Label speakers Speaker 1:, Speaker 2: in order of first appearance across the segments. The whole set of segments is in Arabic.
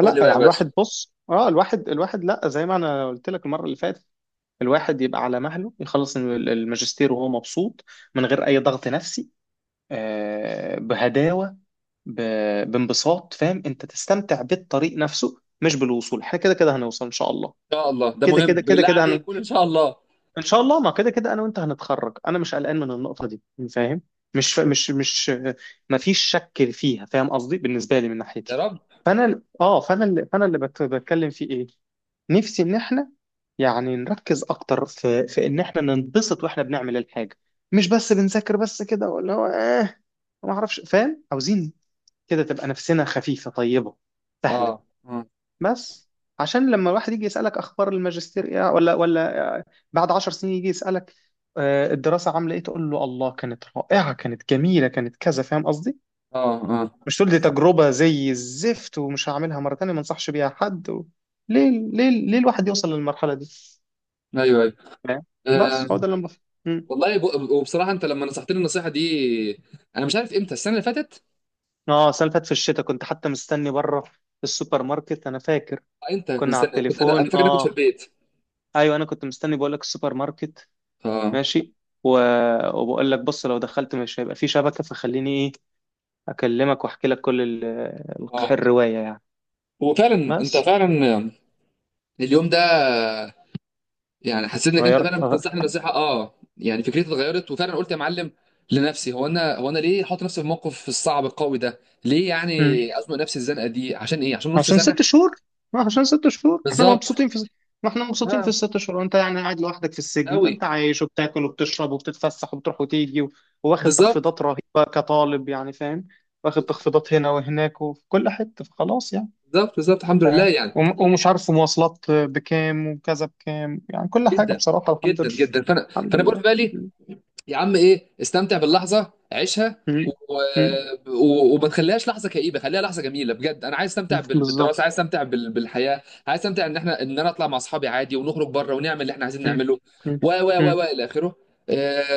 Speaker 1: قول لي بقى يا
Speaker 2: يعني
Speaker 1: باشا ان
Speaker 2: الواحد بص الواحد لا، زي ما انا قلت لك المره اللي فاتت. الواحد يبقى على مهله يخلص الماجستير وهو مبسوط، من غير اي ضغط نفسي، بهداوه، بانبساط. فاهم؟ انت تستمتع بالطريق نفسه مش بالوصول، احنا كده كده هنوصل ان شاء الله،
Speaker 1: شاء الله، ده
Speaker 2: كده
Speaker 1: مهم
Speaker 2: كده كده
Speaker 1: بالله
Speaker 2: كده،
Speaker 1: عليك، قول ان شاء الله.
Speaker 2: ان شاء الله. ما كده كده انا وانت هنتخرج، انا مش قلقان من النقطه دي، فاهم؟ مش ما فيش شك فيها، فاهم قصدي؟ بالنسبه لي من
Speaker 1: يا
Speaker 2: ناحيتي.
Speaker 1: رب.
Speaker 2: فانا ال- اه فانا اللي فانا اللي بت- بتكلم فيه ايه؟ نفسي ان احنا يعني نركز اكتر في ان احنا ننبسط واحنا بنعمل الحاجه، مش بس بنذاكر بس كده، ولا هو ما اعرفش، فاهم؟ عاوزين كده تبقى نفسنا خفيفه طيبه سهله.
Speaker 1: اه اه
Speaker 2: بس، عشان لما الواحد يجي يسألك أخبار الماجستير إيه، ولا بعد 10 سنين يجي يسألك آه، الدراسة عاملة إيه، تقول له الله كانت رائعة كانت جميلة كانت كذا، فاهم قصدي؟
Speaker 1: اه اه
Speaker 2: مش تقول دي تجربة زي الزفت ومش هعملها مرة تانية، ما انصحش بيها حد، و... ليه ليه ليه الواحد يوصل للمرحلة دي؟
Speaker 1: ايوه.
Speaker 2: فاهم؟
Speaker 1: آه.
Speaker 2: بس هو ده اللي أنا بفهم. مم.
Speaker 1: والله، وبصراحه انت لما نصحتني النصيحه دي، انا مش عارف امتى، السنه اللي فاتت.
Speaker 2: اه، السنة اللي فاتت في الشتاء كنت حتى مستني بره السوبر ماركت، أنا فاكر
Speaker 1: آه، انت من
Speaker 2: كنا على
Speaker 1: السنه، كنت انا
Speaker 2: التليفون،
Speaker 1: فاكر اني كنت في
Speaker 2: اه.
Speaker 1: البيت.
Speaker 2: ايوه، انا كنت مستني، بقول لك السوبر ماركت،
Speaker 1: اه
Speaker 2: ماشي، و... وبقول لك بص لو دخلت مش هيبقى في شبكة، فخليني ايه، اكلمك واحكي لك كل
Speaker 1: اه
Speaker 2: الرواية يعني.
Speaker 1: وفعلا انت
Speaker 2: بس
Speaker 1: فعلا اليوم ده يعني حسيت انك انت
Speaker 2: غيرك
Speaker 1: فعلا
Speaker 2: أغير.
Speaker 1: بتنصحني نصيحه. اه يعني فكرتي اتغيرت وفعلا قلت يا معلم لنفسي، هو انا، هو انا ليه احط نفسي في الموقف الصعب القوي ده؟ ليه
Speaker 2: مم.
Speaker 1: يعني ازنق نفسي الزنقه دي؟ عشان ايه؟ عشان نص
Speaker 2: عشان
Speaker 1: سنه.
Speaker 2: ست شهور، ما عشان 6 شهور احنا مبسوطين
Speaker 1: بالظبط.
Speaker 2: في، ما احنا مبسوطين في
Speaker 1: اه
Speaker 2: ال6 شهور، وانت يعني قاعد لوحدك في السجن ده،
Speaker 1: قوي.
Speaker 2: انت عايش وبتاكل وبتشرب وبتتفسح وبتروح وتيجي، و... واخد
Speaker 1: بالظبط
Speaker 2: تخفيضات رهيبة كطالب، يعني فاهم، واخد تخفيضات هنا وهناك وفي كل حتة، فخلاص يعني،
Speaker 1: بالظبط. بالظبط الحمد لله
Speaker 2: فاهم.
Speaker 1: يعني.
Speaker 2: ومش عارف مواصلات بكام وكذا بكام، يعني كل حاجة
Speaker 1: جدا
Speaker 2: بصراحة الحمد لله،
Speaker 1: جدا جدا. فانا
Speaker 2: الحمد
Speaker 1: فانا بقول في
Speaker 2: لله.
Speaker 1: بالي،
Speaker 2: م-.
Speaker 1: يا عم ايه، استمتع باللحظه، عيشها،
Speaker 2: م-. م-.
Speaker 1: وما تخليهاش لحظه كئيبه، خليها لحظه جميله بجد. انا عايز
Speaker 2: م-.
Speaker 1: استمتع
Speaker 2: بالظبط.
Speaker 1: بالدراسه، عايز استمتع بالحياه، عايز استمتع ان احنا، ان انا اطلع مع اصحابي عادي ونخرج بره ونعمل اللي احنا عايزين
Speaker 2: م-.
Speaker 1: نعمله
Speaker 2: م-.
Speaker 1: و
Speaker 2: م-.
Speaker 1: الى اخره.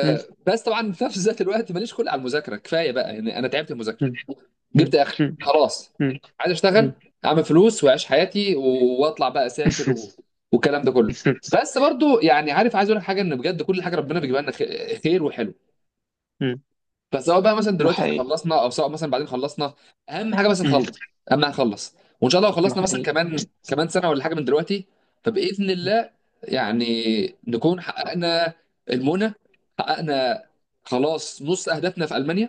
Speaker 2: م-.
Speaker 1: بس طبعا في نفس ذات الوقت ماليش خلق على المذاكره، كفايه بقى يعني، انا تعبت من المذاكره،
Speaker 2: م-. م-.
Speaker 1: جبت اخري
Speaker 2: م-.
Speaker 1: خلاص.
Speaker 2: م-.
Speaker 1: عايز اشتغل، اعمل فلوس واعيش حياتي واطلع بقى اسافر والكلام ده كله.
Speaker 2: م-.
Speaker 1: بس برضو يعني عارف، عايز اقول لك حاجه، ان بجد كل حاجه ربنا بيجيبها لنا خير وحلو.
Speaker 2: م-.
Speaker 1: فسواء بقى مثلا
Speaker 2: ده
Speaker 1: دلوقتي احنا
Speaker 2: حقيقي.
Speaker 1: خلصنا او سواء مثلا بعدين خلصنا، اهم حاجه بس
Speaker 2: م-.
Speaker 1: نخلص، اهم حاجه نخلص. وان شاء الله لو
Speaker 2: ده
Speaker 1: خلصنا مثلا
Speaker 2: حقيقي.
Speaker 1: كمان كمان سنه ولا حاجه من دلوقتي، فباذن الله يعني نكون حققنا المنى، حققنا خلاص نص اهدافنا في المانيا.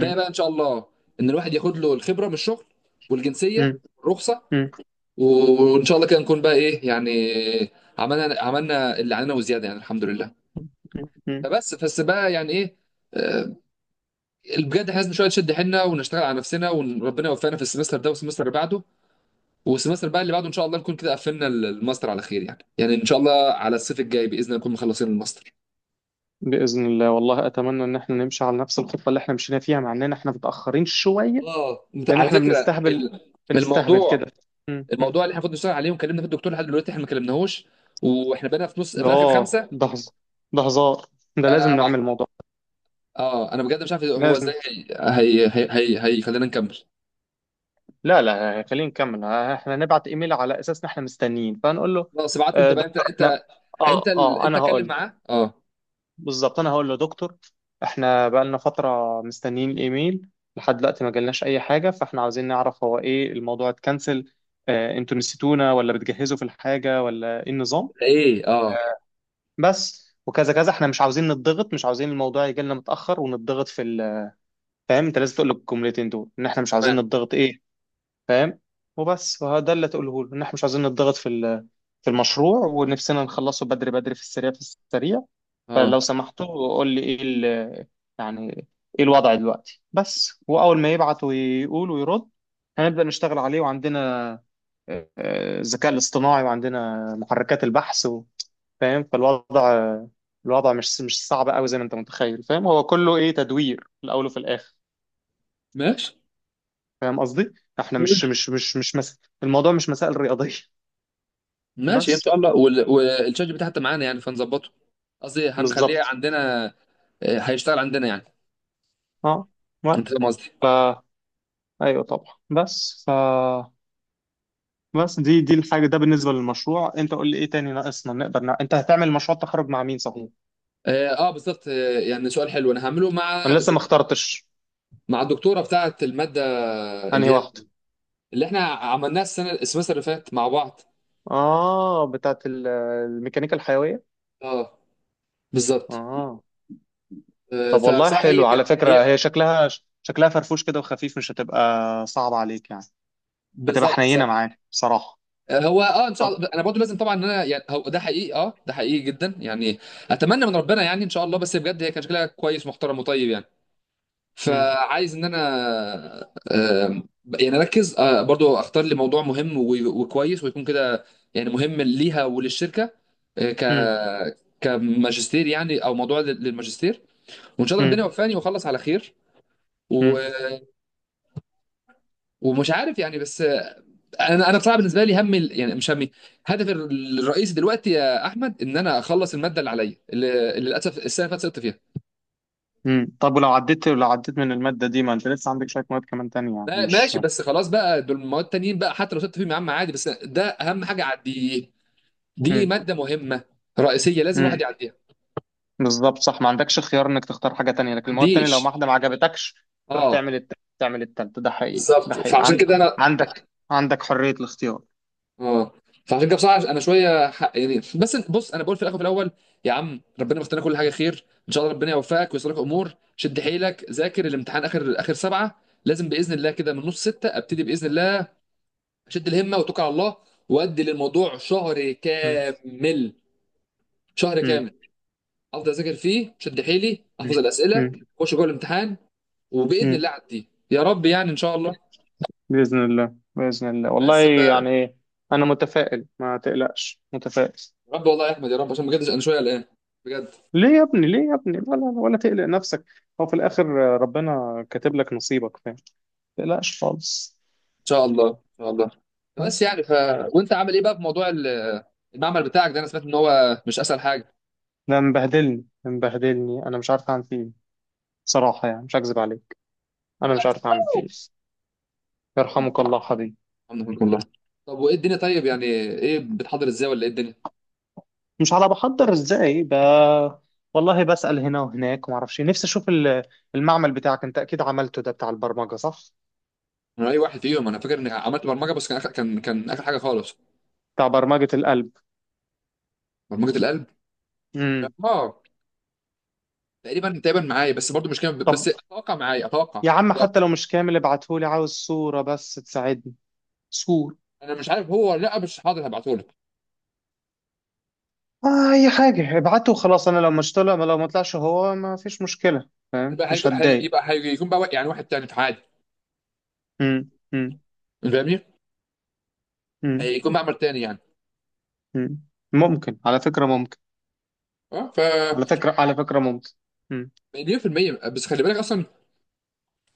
Speaker 2: م-.
Speaker 1: بقى ان شاء الله، ان الواحد ياخد له الخبره من الشغل، والجنسيه،
Speaker 2: م-.
Speaker 1: رخصه.
Speaker 2: م-.
Speaker 1: وان شاء الله كده نكون بقى ايه يعني، عملنا، عملنا اللي علينا وزياده يعني الحمد لله.
Speaker 2: م-.
Speaker 1: فبس بقى يعني ايه. آه، بجد احنا لازم شويه نشد حيلنا ونشتغل على نفسنا وربنا يوفقنا في السمستر ده والسمستر اللي بعده، والسمستر بقى اللي بعده ان شاء الله نكون كده قفلنا الماستر على خير. يعني يعني ان شاء الله على الصيف الجاي باذن الله نكون مخلصين الماستر.
Speaker 2: بإذن الله والله، أتمنى إن احنا نمشي على نفس الخطة اللي احنا مشينا فيها، مع إننا احنا متأخرين شوية،
Speaker 1: اه انت
Speaker 2: لأن
Speaker 1: على
Speaker 2: احنا
Speaker 1: فكره،
Speaker 2: بنستهبل، بنستهبل كده.
Speaker 1: الموضوع، الموضوع اللي احنا المفروض نشتغل عليه وكلمنا فيه الدكتور لحد دلوقتي احنا ما كلمناهوش، واحنا بقينا في نص، في اخر
Speaker 2: اه،
Speaker 1: خمسه.
Speaker 2: ده هزار، ده لازم
Speaker 1: انا مع...
Speaker 2: نعمل الموضوع ده.
Speaker 1: اه انا بجد مش عارف هو
Speaker 2: لازم.
Speaker 1: ازاي. هيخلينا نكمل.
Speaker 2: لا لا، خلينا نكمل، احنا نبعت ايميل على اساس ان احنا مستنيين، فنقول له
Speaker 1: خلاص ابعته انت
Speaker 2: آه،
Speaker 1: بقى، انت
Speaker 2: دكتور،
Speaker 1: انت
Speaker 2: احنا
Speaker 1: انت
Speaker 2: اه
Speaker 1: ال...
Speaker 2: اه
Speaker 1: انت
Speaker 2: انا هقول
Speaker 1: اتكلم
Speaker 2: له.
Speaker 1: معاه. اه،
Speaker 2: بالظبط، انا هقول له دكتور، احنا بقالنا فترة مستنيين ايميل، لحد دلوقتي ما جالناش اي حاجة، فاحنا عاوزين نعرف هو ايه، الموضوع اتكنسل آه، انتوا نسيتونا، ولا بتجهزوا في الحاجة، ولا ايه النظام
Speaker 1: ايه، اه.
Speaker 2: آه، بس وكذا كذا احنا مش عاوزين نتضغط، مش عاوزين الموضوع يجي لنا متأخر ونتضغط في ال، فاهم؟ انت لازم تقول له الجملتين دول ان احنا مش عاوزين
Speaker 1: تمام.
Speaker 2: نتضغط ايه، فاهم، وبس، فده اللي تقوله له، ان احنا مش عاوزين نتضغط في في المشروع، ونفسنا نخلصه بدري بدري في السريع في السريع.
Speaker 1: اه،
Speaker 2: فلو سمحتوا قول لي ايه يعني ايه الوضع دلوقتي، بس واول ما يبعت ويقول ويرد هنبدأ نشتغل عليه، وعندنا آه، آه، الذكاء الاصطناعي، وعندنا محركات البحث، فاهم، فالوضع، الوضع مش صعب قوي زي ما انت متخيل، فاهم؟ هو كله ايه، تدوير في الاول وفي الاخر،
Speaker 1: ماشي
Speaker 2: فاهم قصدي؟ احنا مش مش مش مش مس... الموضوع مش مسائل رياضية.
Speaker 1: ماشي، ان
Speaker 2: بس.
Speaker 1: شاء الله. والشات GPT حتى معانا يعني فنظبطه، قصدي هنخليه
Speaker 2: بالظبط.
Speaker 1: عندنا. آه، هيشتغل عندنا يعني.
Speaker 2: اه،
Speaker 1: انت
Speaker 2: بس
Speaker 1: فاهم قصدي.
Speaker 2: ف، ايوه طبعا، بس ف، بس دي دي الحاجة ده بالنسبة للمشروع، انت قول لي ايه تاني ناقصنا نقدر انت هتعمل مشروع تخرج مع مين صحيح؟
Speaker 1: اه. آه، بالظبط. آه، يعني سؤال حلو. انا هعمله مع
Speaker 2: انا لسه ما اخترتش،
Speaker 1: مع الدكتوره بتاعه الماده، اللي
Speaker 2: انهي
Speaker 1: هي
Speaker 2: واحدة؟
Speaker 1: اللي احنا عملناها السنه، السمستر اللي فات مع بعض.
Speaker 2: اه، بتاعت الميكانيكا الحيوية،
Speaker 1: اه بالظبط.
Speaker 2: اه.
Speaker 1: آه،
Speaker 2: طب والله
Speaker 1: فبصراحه هي
Speaker 2: حلو على فكرة،
Speaker 1: هي.
Speaker 2: هي شكلها شكلها فرفوش كده وخفيف، مش هتبقى صعبة عليك يعني، هتبقى
Speaker 1: بالظبط
Speaker 2: حنينة
Speaker 1: بالظبط.
Speaker 2: معاك بصراحة.
Speaker 1: آه، هو اه ان شاء
Speaker 2: طب.
Speaker 1: الله انا برضه لازم طبعا ان انا يعني، هو ده حقيقي، اه ده حقيقي جدا يعني. اتمنى من ربنا يعني ان شاء الله، بس بجد هي كان شكلها كويس، محترم وطيب يعني.
Speaker 2: مم.
Speaker 1: فعايز ان انا آه، يعني اركز، آه، برضه اختار لي موضوع مهم وكويس ويكون كده يعني مهم ليها وللشركه. آه، ك
Speaker 2: مم.
Speaker 1: كماجستير يعني، او موضوع للماجستير. وان شاء الله
Speaker 2: مم.
Speaker 1: ربنا يوفقني واخلص على خير و...
Speaker 2: مم.
Speaker 1: ومش عارف يعني بس. انا بصراحه بالنسبه لي، همي يعني، مش همي، هدفي الرئيسي دلوقتي يا احمد، ان انا اخلص الماده اللي عليا، اللي للاسف السنه اللي فاتت سقطت فيها.
Speaker 2: مم. طب ولو عديت، لو عديت من المادة دي، ما انت لسه عندك شوية مواد كمان تانية يعني مش.
Speaker 1: ماشي، بس خلاص بقى دول المواد التانيين بقى حتى لو سقطت فيهم يا عم عادي، بس ده اهم حاجه اعديه. دي
Speaker 2: مم.
Speaker 1: ماده مهمه رئيسيه لازم الواحد
Speaker 2: مم.
Speaker 1: يعديها.
Speaker 2: بالظبط، صح، ما عندكش خيار انك تختار حاجة تانية، لكن
Speaker 1: ما
Speaker 2: المواد التانية لو
Speaker 1: عنديش.
Speaker 2: واحدة ما عجبتكش تروح
Speaker 1: اه
Speaker 2: تعمل تعمل التالتة، ده حقيقي ده
Speaker 1: بالظبط.
Speaker 2: حقيقي
Speaker 1: فعشان كده انا
Speaker 2: عندك عندك حرية الاختيار.
Speaker 1: اه فعشان كده بصراحه انا شويه حق يعني. بس بص، انا بقول في الاخر وفي الاول، يا عم ربنا مختار كل حاجه خير، ان شاء الله ربنا يوفقك ويسر لك امور. شد حيلك ذاكر الامتحان، اخر اخر سبعه لازم باذن الله، كده من نص سته ابتدي باذن الله، اشد الهمه واتوكل على الله وادي للموضوع شهر
Speaker 2: مم.
Speaker 1: كامل. شهر
Speaker 2: مم.
Speaker 1: كامل افضل اذاكر فيه، شد حيلي
Speaker 2: مم.
Speaker 1: احفظ الاسئله،
Speaker 2: مم.
Speaker 1: اخش جوه الامتحان وباذن
Speaker 2: مم.
Speaker 1: الله اعدي يا رب يعني ان شاء الله.
Speaker 2: بإذن الله، بإذن الله والله،
Speaker 1: بس ف يا
Speaker 2: يعني أنا متفائل، ما تقلقش، متفائل.
Speaker 1: رب والله يا احمد يا رب، عشان بجد انا شويه قلقان بجد.
Speaker 2: ليه يا ابني، ليه يا ابني، ولا تقلق نفسك، هو في الآخر ربنا كاتب لك نصيبك، فاهم، تقلقش خالص.
Speaker 1: شاء الله ان شاء الله، بس
Speaker 2: بس.
Speaker 1: يعني ف. وانت عامل ايه بقى في موضوع المعمل بتاعك ده؟ انا سمعت ان هو مش اسهل حاجه.
Speaker 2: ده مبهدلني مبهدلني، انا مش عارف اعمل فيه إيه. بصراحه يعني مش هكذب عليك، انا مش عارف اعمل فيه إيه. يرحمك الله حبيبي.
Speaker 1: الحمد لله والله. طب وايه الدنيا طيب؟ يعني ايه بتحضر ازاي ولا ايه الدنيا؟
Speaker 2: مش على بحضر ازاي والله بسأل هنا وهناك، وما اعرفش إيه. نفسي اشوف المعمل بتاعك، انت اكيد عملته ده بتاع البرمجه صح؟
Speaker 1: انا اي واحد فيهم انا فاكر اني عملت برمجه، بس كان آخر، كان كان اخر حاجه خالص.
Speaker 2: بتاع برمجه القلب.
Speaker 1: برمجه القلب.
Speaker 2: امم.
Speaker 1: اه. تقريبا تقريبا معايا بس برضو مش كام، بس
Speaker 2: طب
Speaker 1: اتوقع معايا اتوقع
Speaker 2: يا عم،
Speaker 1: اتوقع.
Speaker 2: حتى لو مش كامل ابعتهولي، عاوز صوره بس تساعدني، صور.
Speaker 1: انا مش عارف هو ولا لا، مش حاضر، هبعته لك.
Speaker 2: آه اي حاجه ابعته وخلاص، انا لو مش طلع، لو ما طلعش هو ما فيش مشكله، فاهم،
Speaker 1: يبقى
Speaker 2: مش
Speaker 1: هيكون
Speaker 2: هتضايق.
Speaker 1: يبقى هيكون بقى يعني واحد تاني في عادي.
Speaker 2: امم.
Speaker 1: فاهمني.
Speaker 2: مم.
Speaker 1: هيكون معمل تاني يعني.
Speaker 2: مم. ممكن على فكرة، ممكن
Speaker 1: اه ف
Speaker 2: على فكرة على فكرة ممكن. مم.
Speaker 1: مليون في المية. بس خلي بالك اصلا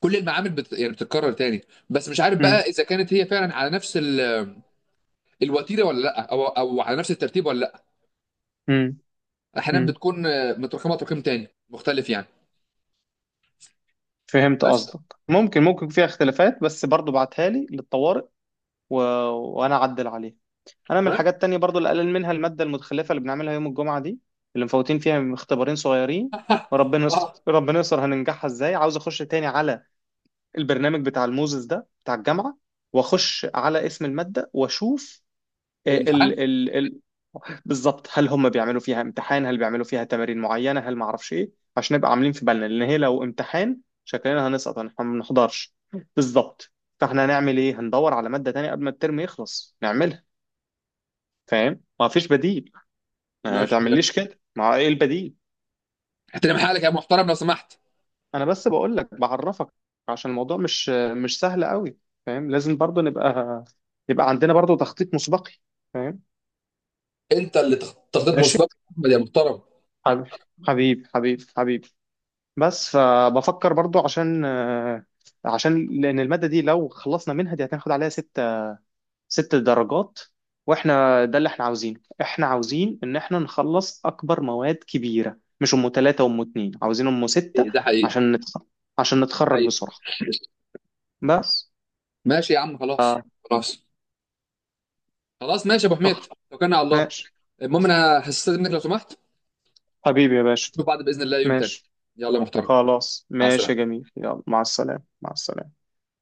Speaker 1: كل المعامل يعني بتتكرر تاني. بس مش عارف
Speaker 2: مم.
Speaker 1: بقى اذا كانت هي فعلا على نفس ال... الوتيره ولا لا، او او على نفس الترتيب ولا لا.
Speaker 2: مم.
Speaker 1: احيانا
Speaker 2: مم.
Speaker 1: بتكون آه، متراكمه تراكم تاني مختلف يعني.
Speaker 2: فهمت
Speaker 1: بس.
Speaker 2: قصدك. ممكن ممكن فيها اختلافات، بس برضو بعتها لي للطوارئ، و... وانا اعدل عليها. انا من
Speaker 1: تمام.
Speaker 2: الحاجات التانية برضو اللي قلل منها المادة المتخلفة اللي بنعملها يوم الجمعة دي، اللي مفوتين فيها اختبارين صغيرين، وربنا يستر،
Speaker 1: اه.
Speaker 2: ربنا يستر، هننجحها ازاي؟ عاوز اخش تاني على البرنامج بتاع الموزس ده بتاع الجامعة، واخش على اسم المادة واشوف
Speaker 1: الامتحان.
Speaker 2: ال ال ال بالظبط، هل هم بيعملوا فيها امتحان؟ هل بيعملوا فيها تمارين معينة؟ هل ما اعرفش ايه، عشان نبقى عاملين في بالنا، لان هي لو امتحان شكلنا هنسقط، ما بنحضرش. بالظبط. فاحنا هنعمل ايه؟ هندور على مادة تانية قبل ما الترم يخلص نعملها، فاهم، ما فيش بديل، ما
Speaker 1: ماشي ماشي.
Speaker 2: تعمليش كده، ما ايه البديل؟
Speaker 1: احترم حالك يا محترم لو سمحت.
Speaker 2: انا بس بقول لك بعرفك، عشان الموضوع مش سهل قوي، فاهم، لازم برضو نبقى، يبقى عندنا برضو تخطيط مسبقي، فاهم.
Speaker 1: انت اللي تخطيط
Speaker 2: ماشي
Speaker 1: مسبق احمد يا محترم.
Speaker 2: حبيبي، حبيبي حبيبي حبيبي. بس فبفكر برضو عشان آه، عشان لان الماده دي لو خلصنا منها، دي هتاخد عليها ست، 6 درجات، واحنا ده اللي احنا عاوزينه، احنا عاوزين ان احنا نخلص اكبر مواد كبيره، مش M3 وام اتنين، عاوزين M6،
Speaker 1: ايه ده حقيقي،
Speaker 2: عشان عشان
Speaker 1: ده
Speaker 2: نتخرج
Speaker 1: حقيقي.
Speaker 2: بسرعه. بس،
Speaker 1: ماشي يا عم خلاص.
Speaker 2: آه،
Speaker 1: خلاص خلاص. ماشي يا ابو حميد.
Speaker 2: فخر،
Speaker 1: توكلنا على الله.
Speaker 2: ماشي
Speaker 1: المهم انا هستاذنك لو سمحت.
Speaker 2: حبيبي يا باشا،
Speaker 1: نشوف بعض باذن الله يوم تاني.
Speaker 2: ماشي
Speaker 1: يلا يا محترم.
Speaker 2: خلاص،
Speaker 1: مع
Speaker 2: ماشي يا
Speaker 1: السلامه.
Speaker 2: جميل، يلا مع السلامه، مع السلامه.